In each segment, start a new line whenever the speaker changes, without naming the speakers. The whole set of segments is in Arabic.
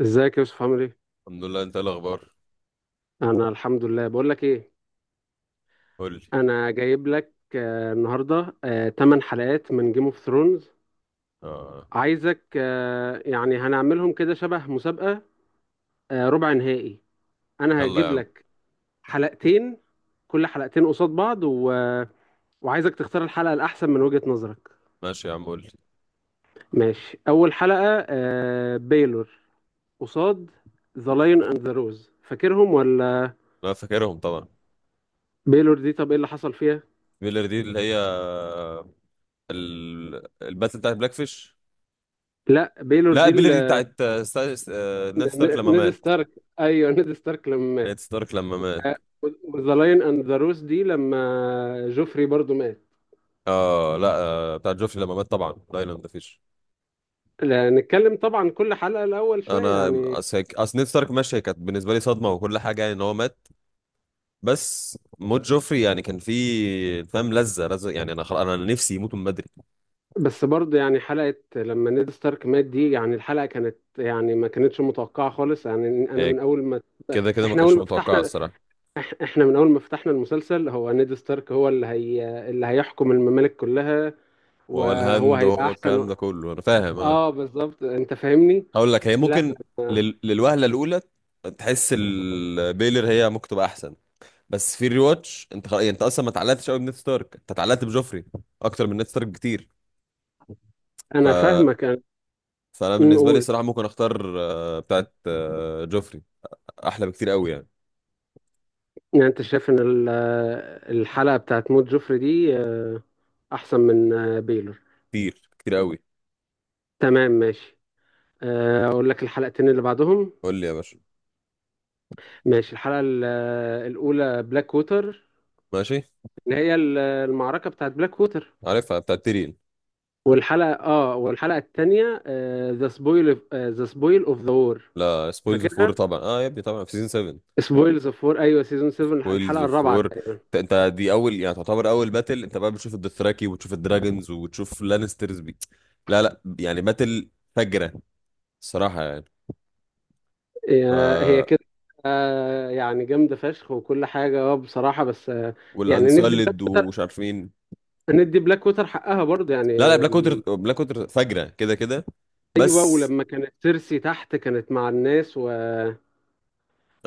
ازيك يا يوسف عامل ايه؟
الحمد لله، انت ايه الاخبار؟
انا الحمد لله بقول لك ايه.
قول لي.
انا جايب لك النهارده 8 حلقات من جيم اوف ثرونز.
اه.
عايزك، يعني هنعملهم كده شبه مسابقة، ربع نهائي. انا
يلا يا
هجيب
عم.
لك حلقتين، كل حلقتين قصاد بعض وعايزك تختار الحلقة الاحسن من وجهة نظرك.
ماشي يا عم، قول لي.
ماشي، اول حلقة بيلور، قصاد ذا لايون اند ذا روز. فاكرهم ولا؟
انا فاكرهم طبعا.
بيلور دي طب ايه اللي حصل فيها؟
بيلر دي اللي هي الباتل بتاعت بلاك فيش.
لا بيلور
لا،
دي.
بيلر دي بتاعت آه، ستا... س- آه، نed ستارك لما
نيد
مات.
ستارك، ايوه نيد ستارك لما مات.
نed ستارك لما مات.
وذا لاين اند ذا روس دي لما جوفري برضو مات.
اه لا، بتاعت جوفري لما مات طبعا، دايلاند فيش.
لا، نتكلم طبعا كل حلقة الأول شوية
انا
يعني.
اصل هيك- أصل نed ستارك. ماشي، هي كانت بالنسبه لي صدمه وكل حاجه، يعني ان هو مات. بس موت جوفري يعني كان فيه فاهم لذه لذه، يعني انا خلاص، انا نفسي يموت من بدري.
بس برضه يعني حلقة لما نيد ستارك مات دي، يعني الحلقة كانت يعني ما كانتش متوقعة خالص. يعني أنا من
هيك.
أول ما
كده كده ما
إحنا أول
كانش
ما
متوقع
فتحنا
الصراحه.
إحنا من أول ما فتحنا المسلسل، هو نيد ستارك هو اللي هيحكم الممالك كلها
وهو
وهو
الهاند
هيبقى
وهو الكلام
أحسن.
ده كله انا فاهم، اه.
آه بالظبط، أنت فاهمني؟
هقول لك هي
لا
ممكن للوهله الاولى تحس البيلر هي ممكن تبقى احسن. بس في الريواتش انت يعني انت اصلا ما اتعلقتش قوي بنيد ستارك، انت اتعلقت بجوفري اكتر من نيد ستارك بكتير. ف
أنا فاهمك أنا.
فانا بالنسبه لي
نقول
الصراحه ممكن اختار بتاعت جوفري، احلى بكتير قوي يعني.
يعني انت شايف ان الحلقة بتاعت موت جوفري دي احسن من بيلور.
كتير كتير قوي.
تمام ماشي، اقول لك الحلقتين اللي بعدهم.
قول لي يا باشا.
ماشي، الحلقة الاولى بلاك ووتر،
ماشي.
اللي هي المعركة بتاعت بلاك ووتر.
عارفها، بتاعت تيرين.
والحلقة التانية، ذا سبويل اوف ذا وور.
لا، سبويلز اوف
فاكرها،
وور طبعا، يا ابني طبعا في سيزون 7.
سبويلز اوف وور، ايوه سيزون 7
ويلز
الحلقة
اوف
الرابعة
وور.
تقريبا.
انت دي اول، يعني تعتبر اول باتل انت بقى بتشوف الدثراكي وبتشوف الدراجونز وبتشوف لانسترز، لا لا، يعني باتل فجرة الصراحة يعني. ف
هي كده، يعني جامدة فشخ وكل حاجة اه بصراحة. بس يعني ندي،
والانسولد ومش عارف مين.
ندي بلاك ووتر حقها برضه يعني.
لا لا، بلاك ووتر
ال...
بلاك ووتر فجرة كده كده.
ايوه
بس.
ولما كانت سيرسي تحت كانت مع الناس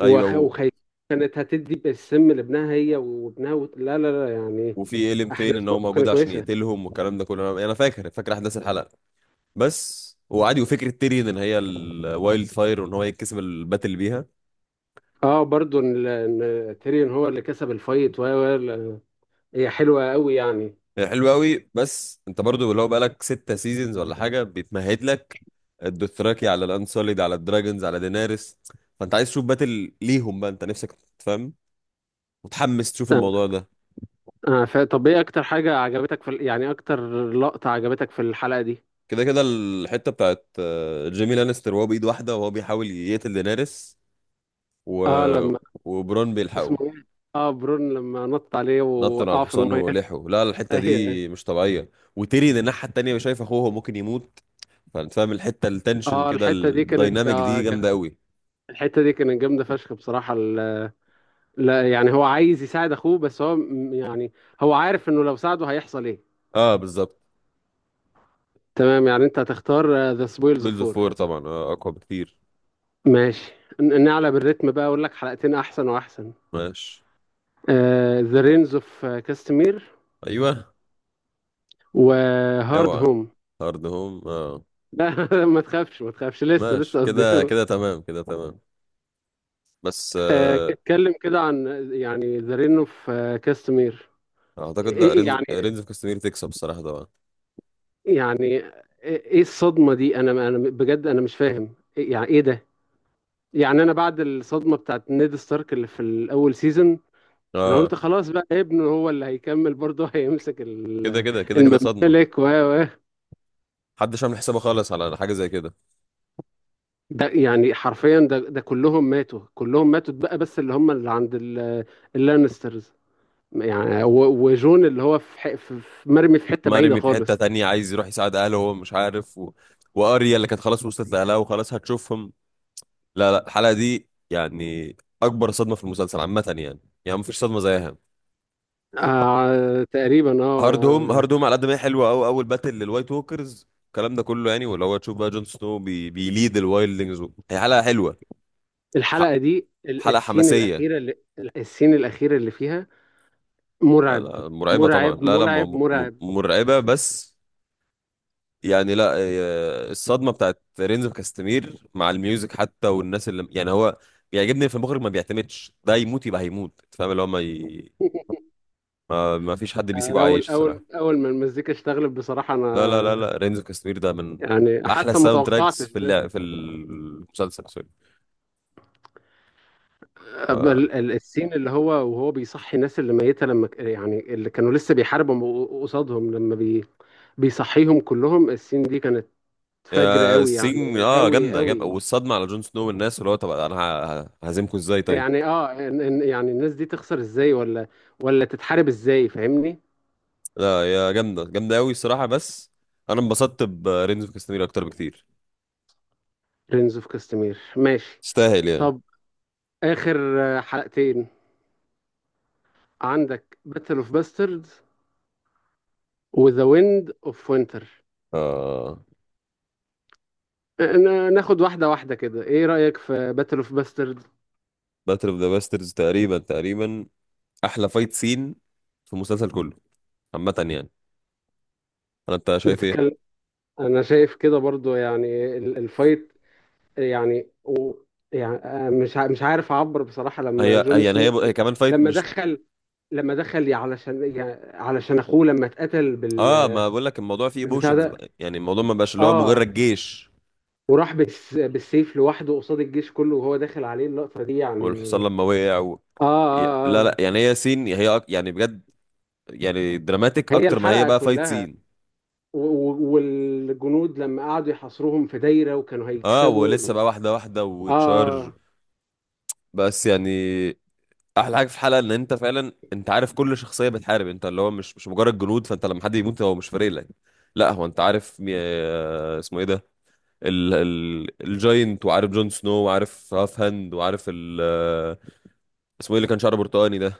ايوه،
وخايفة. كانت هتدي بالسم لابنها هي وابنها لا لا لا يعني.
وفي ايلين فين
احداث
ان هو
برضه
موجود
كانت
عشان
كويسه.
يقتلهم والكلام ده كله، انا فاكر فاكر احداث الحلقة. بس وعادي، وفكرة تيريون ان هي الوايلد فاير وان هو يتكسب الباتل بيها.
اه برضه ان إن تيريون هو اللي كسب الفايت هي حلوه قوي يعني.
هي حلوة قوي، بس انت برضو لو بقالك ستة سيزونز ولا حاجة بيتمهد لك الدوثراكي على الانسوليد على الدراجونز على دينارس، فانت عايز تشوف باتل ليهم بقى. انت نفسك تفهم، متحمس تشوف
آه.
الموضوع ده.
طب ايه اكتر حاجه عجبتك في يعني اكتر لقطه عجبتك في الحلقه دي؟
كده كده الحتة بتاعت جيمي لانستر وهو بإيد واحدة وهو بيحاول يقتل دينارس، و...
اه لما
وبرون
اسمه
بيلحقه.
ايه، اه برون لما نط عليه
نطن على
ووقعه في
الحصان
الميه.
ولحقه. لا، الحتة دي
ايوه.
مش طبيعية، وتيريون الناحية التانية شايف اخوه ممكن يموت، فانت فاهم الحتة، التنشن
اه
كده
الحته دي كانت
الدايناميك دي جامدة قوي.
الحته دي كانت جامده فشخ بصراحه لا يعني هو عايز يساعد اخوه بس هو يعني هو عارف انه لو ساعده هيحصل ايه.
اه، بالظبط.
تمام، يعني انت هتختار ذا سبويلز
ويلز اوف
فور.
وور طبعا، اقوى بكتير.
ماشي، نعلى بالريتم بقى، اقول لك حلقتين احسن واحسن:
ماشي.
ذا رينز اوف كاستمير
ايوه.
وهارد
اوعى.
هوم.
هارد هوم، اه.
لا ما تخافش ما تخافش، لسه
ماشي
لسه
كده
قدامه.
كده، تمام كده تمام. بس
اتكلم كده عن يعني ذا رين اوف كاستمير.
اعتقد لا، رينز اوف كاستمير تكسب الصراحه طبعا.
يعني ايه الصدمة دي؟ انا بجد انا مش فاهم يعني ايه ده. يعني انا بعد الصدمة بتاعت نيد ستارك اللي في الاول سيزون، انا
اه،
قلت خلاص بقى ابنه هو اللي هيكمل برضه هيمسك
كده كده كده كده صدمه.
الممالك و
محدش عامل حسابه خالص على حاجه زي كده.
ده يعني حرفيا ده كلهم ماتوا، كلهم ماتوا بقى بس اللي هم اللي عند اللانسترز. يعني وجون اللي هو في ح- في في- مرمي في حتة بعيدة
مرمي في حته
خالص.
تانية، عايز يروح يساعد اهله وهو مش عارف، واريا اللي كانت خلاص وصلت لاهلها وخلاص هتشوفهم. لا لا، الحلقه دي يعني اكبر صدمه في المسلسل عامه يعني. يعني مفيش صدمه زيها.
آه تقريبا
هارد هوم
اه.
هارد هوم على قد ما هي حلوه قوي، اول باتل للوايت ووكرز الكلام ده كله يعني، واللي هو تشوف بقى جون سنو بيليد الوايلدنجز، هي حلقه حلوه. ح...
الحلقة دي
حلقه
السين
حماسيه.
الأخيرة اللي السين الأخيرة اللي فيها،
لا
مرعب
لا، مرعبه طبعا،
مرعب
لا لا،
مرعب مرعب.
مرعبه
الس-
بس يعني. لا، الصدمه بتاعت رينز كاستمير مع الميوزك حتى، والناس اللي يعني هو بيعجبني في المخرج، ما بيعتمدش ده يموت يبقى هيموت. أنت فاهم، اللي هو ما فيش حد بيسيبه
أول
عايش
أول
الصراحه.
أول ما المزيكا اشتغلت بصراحة
لا لا لا لا،
أنا
رينز كاستمير ده من
يعني
احلى
حتى ما
ساوند تراكس
توقعتش
في
ده.
في المسلسل. ف...
السين اللي هو وهو بيصحي الناس اللي ميتة لما يعني اللي كانوا لسه بيحاربوا قصادهم لما بيصحيهم كلهم، السين دي كانت فجر
يا
قوي
سين،
يعني قوي
جامده جامده،
قوي.
والصدمه على جون سنو والناس، اللي هو طب انا ههزمكم ازاي طيب.
يعني اه يعني الناس دي تخسر ازاي ولا ولا تتحارب ازاي، فاهمني؟
لا، يا جامده جامده قوي الصراحه، بس انا انبسطت برينز اوف كاستمير اكتر بكتير.
برنس اوف كاستمير ماشي.
تستاهل يعني.
طب اخر حلقتين عندك: باتل اوف باستردز وذا ويند اوف وينتر.
آه.
ناخد واحده واحده كده، ايه رايك في باتل اوف باستردز؟
باتل اوف ذا باسترز تقريبا تقريبا احلى فايت سين في المسلسل كله عامه يعني. انت شايف ايه؟
بتتكلم. انا شايف كده برضو يعني الفايت يعني يعني مش عارف اعبر بصراحه لما
هي
جون
هي يعني، هي,
سنو
هي كمان فايت،
لما
مش.
دخل، لما دخل علشان يعني علشان اخوه لما اتقتل
اه، ما بقول لك الموضوع فيه
بالبتاع
ايموشنز
ده،
بقى، يعني الموضوع ما بقاش اللي هو
اه
مجرد جيش.
وراح بالسيف لوحده قصاد الجيش كله وهو داخل عليه، اللقطة دي يعني
والحصان لما وقع،
آه
لا
آه
لا
آه.
يعني، هي سين هي يعني بجد، يعني دراماتيك
هي
اكتر ما هي
الحلقة
بقى فايت
كلها
سين.
والجنود لما قعدوا يحاصروهم في دايرة وكانوا
اه،
هيكسبوا
ولسه بقى واحده واحده وتشارج،
آه
بس يعني احلى حاجه في الحلقه ان انت فعلا انت عارف كل شخصيه بتحارب، انت اللي هو مش مجرد جنود، فانت لما حد يموت هو مش فارق لك. لا، هو انت عارف مي... آه، اسمه ايه ده، الجاينت، وعارف جون سنو، وعارف هاف هاند، وعارف ال... آه، اسمه ايه اللي كان شعره برتقاني ده.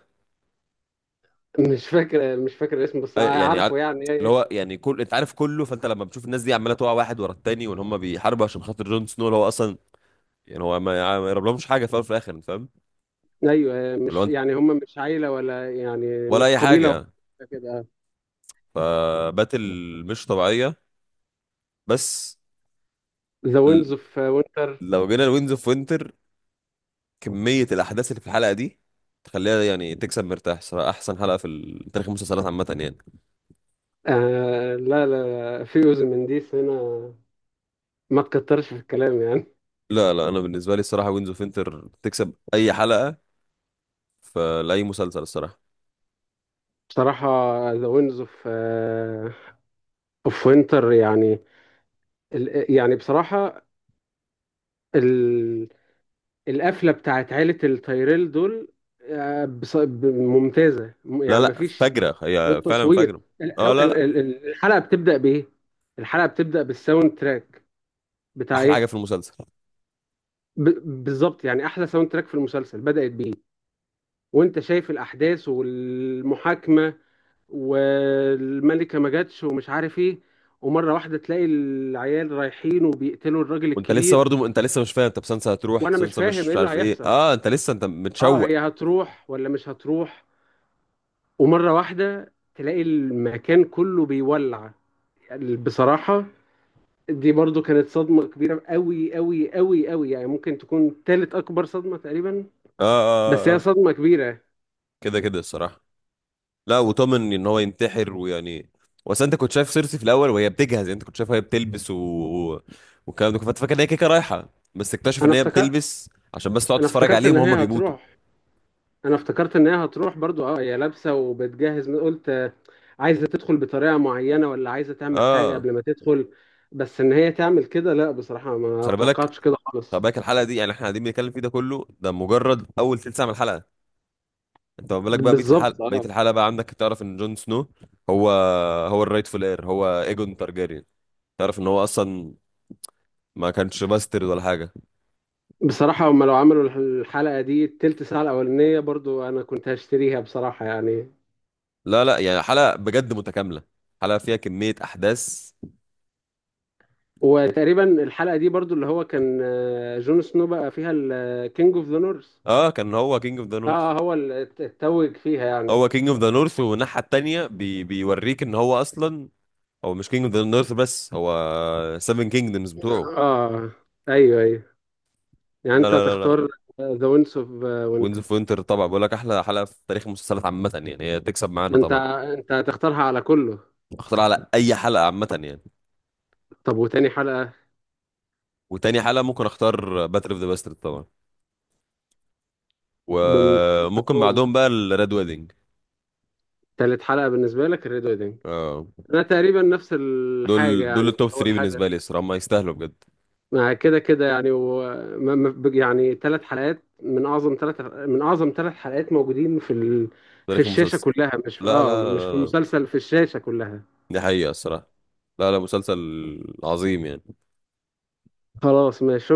آه. مش فاكر مش فاكر اسمه بس
يعني عارف،
عارفه
اللي
يعني.
هو يعني كل انت عارف كله، فانت لما بتشوف الناس دي عماله تقع واحد ورا التاني وان هم بيحاربوا عشان خاطر جون سنو، اللي هو اصلا يعني هو ما يقربلهمش حاجه في الاول وفي الاخر، انت فاهم؟
أيوه
ولا
مش
انت،
يعني هم مش عيلة ولا يعني
ولا
مش
اي
قبيلة
حاجه.
واحدة كده.
فباتل مش طبيعيه، بس.
ذا
ل-
ويندز اوف وينتر،
لو جينا لوينز اوف وينتر، كميه الاحداث اللي في الحلقه دي تخليها يعني تكسب مرتاح صراحه، احسن حلقه في تاريخ المسلسلات عامه يعني.
آه لا لا، في أذن من ديس هنا، ما تكترش في الكلام يعني.
لا لا، انا بالنسبه لي الصراحه وينز اوف وينتر تكسب اي حلقه في لاي مسلسل الصراحه.
بصراحة ذا ويندز اوف وينتر يعني يعني بصراحة ال... القفلة بتاعت عيلة التايريل دول، ممتازة،
لا
يعني
لا،
مفيش.
فجره هي فعلا
والتصوير،
فجره.
ال... أو-
اه، لا
ال...
لا،
ال- ال- الحلقة بتبدأ بإيه؟ الحلقة بتبدأ بالساوند تراك بتاع
احلى حاجه
إيه؟
في المسلسل.
ب... بالظبط يعني أحلى ساوند تراك في المسلسل، بدأت بإيه؟ وأنت شايف الأحداث والمحاكمة والملكة ما جاتش ومش عارف إيه، ومرة واحدة تلاقي العيال رايحين وبيقتلوا الراجل
وانت لسه
الكبير،
برضه، انت لسه مش فاهم، طب سانسا هتروح
وانا مش
سانسا مش
فاهم ايه
مش
اللي
عارف ايه،
هيحصل،
اه انت لسه انت
اه
متشوق.
هي هتروح ولا مش هتروح، ومره واحده تلاقي المكان كله بيولع. يعني بصراحه دي برضو كانت صدمه كبيره قوي قوي قوي قوي، يعني ممكن تكون تالت اكبر صدمه تقريبا.
اه
بس
اه
هي
اه،
صدمه كبيره.
كده كده الصراحه. لا، وطمن ان هو ينتحر، ويعني، بس انت كنت شايف سيرسي في الاول وهي بتجهز، يعني انت كنت شايف وهي بتلبس، و- والكلام ده كنت فاكر ان هي كيكه رايحه، بس اكتشف
انا
ان هي
افتكر،
بتلبس عشان بس تقعد
انا
تتفرج
افتكرت ان
عليهم وهم
هي
بيموتوا.
هتروح، انا افتكرت ان هي هتروح برضو. اه هي لابسه وبتجهز، من قلت عايزه تدخل بطريقه معينه ولا عايزه تعمل حاجه
اه،
قبل ما تدخل. بس ان هي تعمل كده لا بصراحه ما
خلي بالك،
توقعتش كده
خلي
خالص.
بالك الحلقه دي يعني، احنا قاعدين بنتكلم فيه ده كله ده مجرد اول ثلث ساعه من الحلقه، انت ما بالك بقى بقيه
بالظبط
الحلقه بقيه
اه.
الحلقه بقى عندك، تعرف ان جون سنو هو هو الرايتفul اير، هو ايجون تارجيريان، تعرف ان هو اصلا ما كانش باسترد ولا حاجه.
بصراحة هم لو عملوا الحلقة دي التلت ساعة الأولانية برضو أنا كنت هشتريها بصراحة يعني.
لا لا، يعني حلقة بجد متكاملة، حلقة فيها كمية أحداث.
وتقريبا الحلقة دي برضو اللي هو كان جون سنو بقى فيها الكينج اوف ذا نورث.
اه، كان هو كينج اوف ذا
اه
نورث.
هو اللي اتوج فيها يعني.
هو كينج اوف ذا نورث، والناحية التانية بيوريك ان هو اصلا هو مش كينج اوف ذا نورث، بس هو سيفن كينجدمز بتوعه.
اه ايوه ايوه. يعني
لا
انت
لا لا
هتختار
لا،
ذا وينس اوف
وينز
وينتر.
اوف وينتر طبعا، بقول لك احلى حلقة في تاريخ المسلسلات عامة يعني، هي تكسب معانا
انت
طبعا.
انت هتختارها على كله؟
اختار على اي حلقة عامة يعني.
طب وتاني حلقة؟
وتاني حلقة ممكن اختار باتل اوف ذا باسترد طبعا، وممكن
بنفهم.
بعدهم بقى الريد ويدنج.
تالت حلقة بالنسبة لك الريد ويدنج.
اه،
انا تقريبا نفس الحاجة
دول
يعني
التوب
اول
3
حاجة،
بالنسبة لي الصراحة، هم يستاهلوا بجد.
مع كده كده يعني و... ما- ما- ب- يعني 3 حلقات من اعظم من اعظم 3 حلقات موجودين في
تاريخ
الشاشة
المسلسل.
كلها،
لا لا لا
مش في
لا لا.
المسلسل، في الشاشة كلها.
دي حقيقة الصراحة. لا لا، مسلسل عظيم يعني.
خلاص ماشي.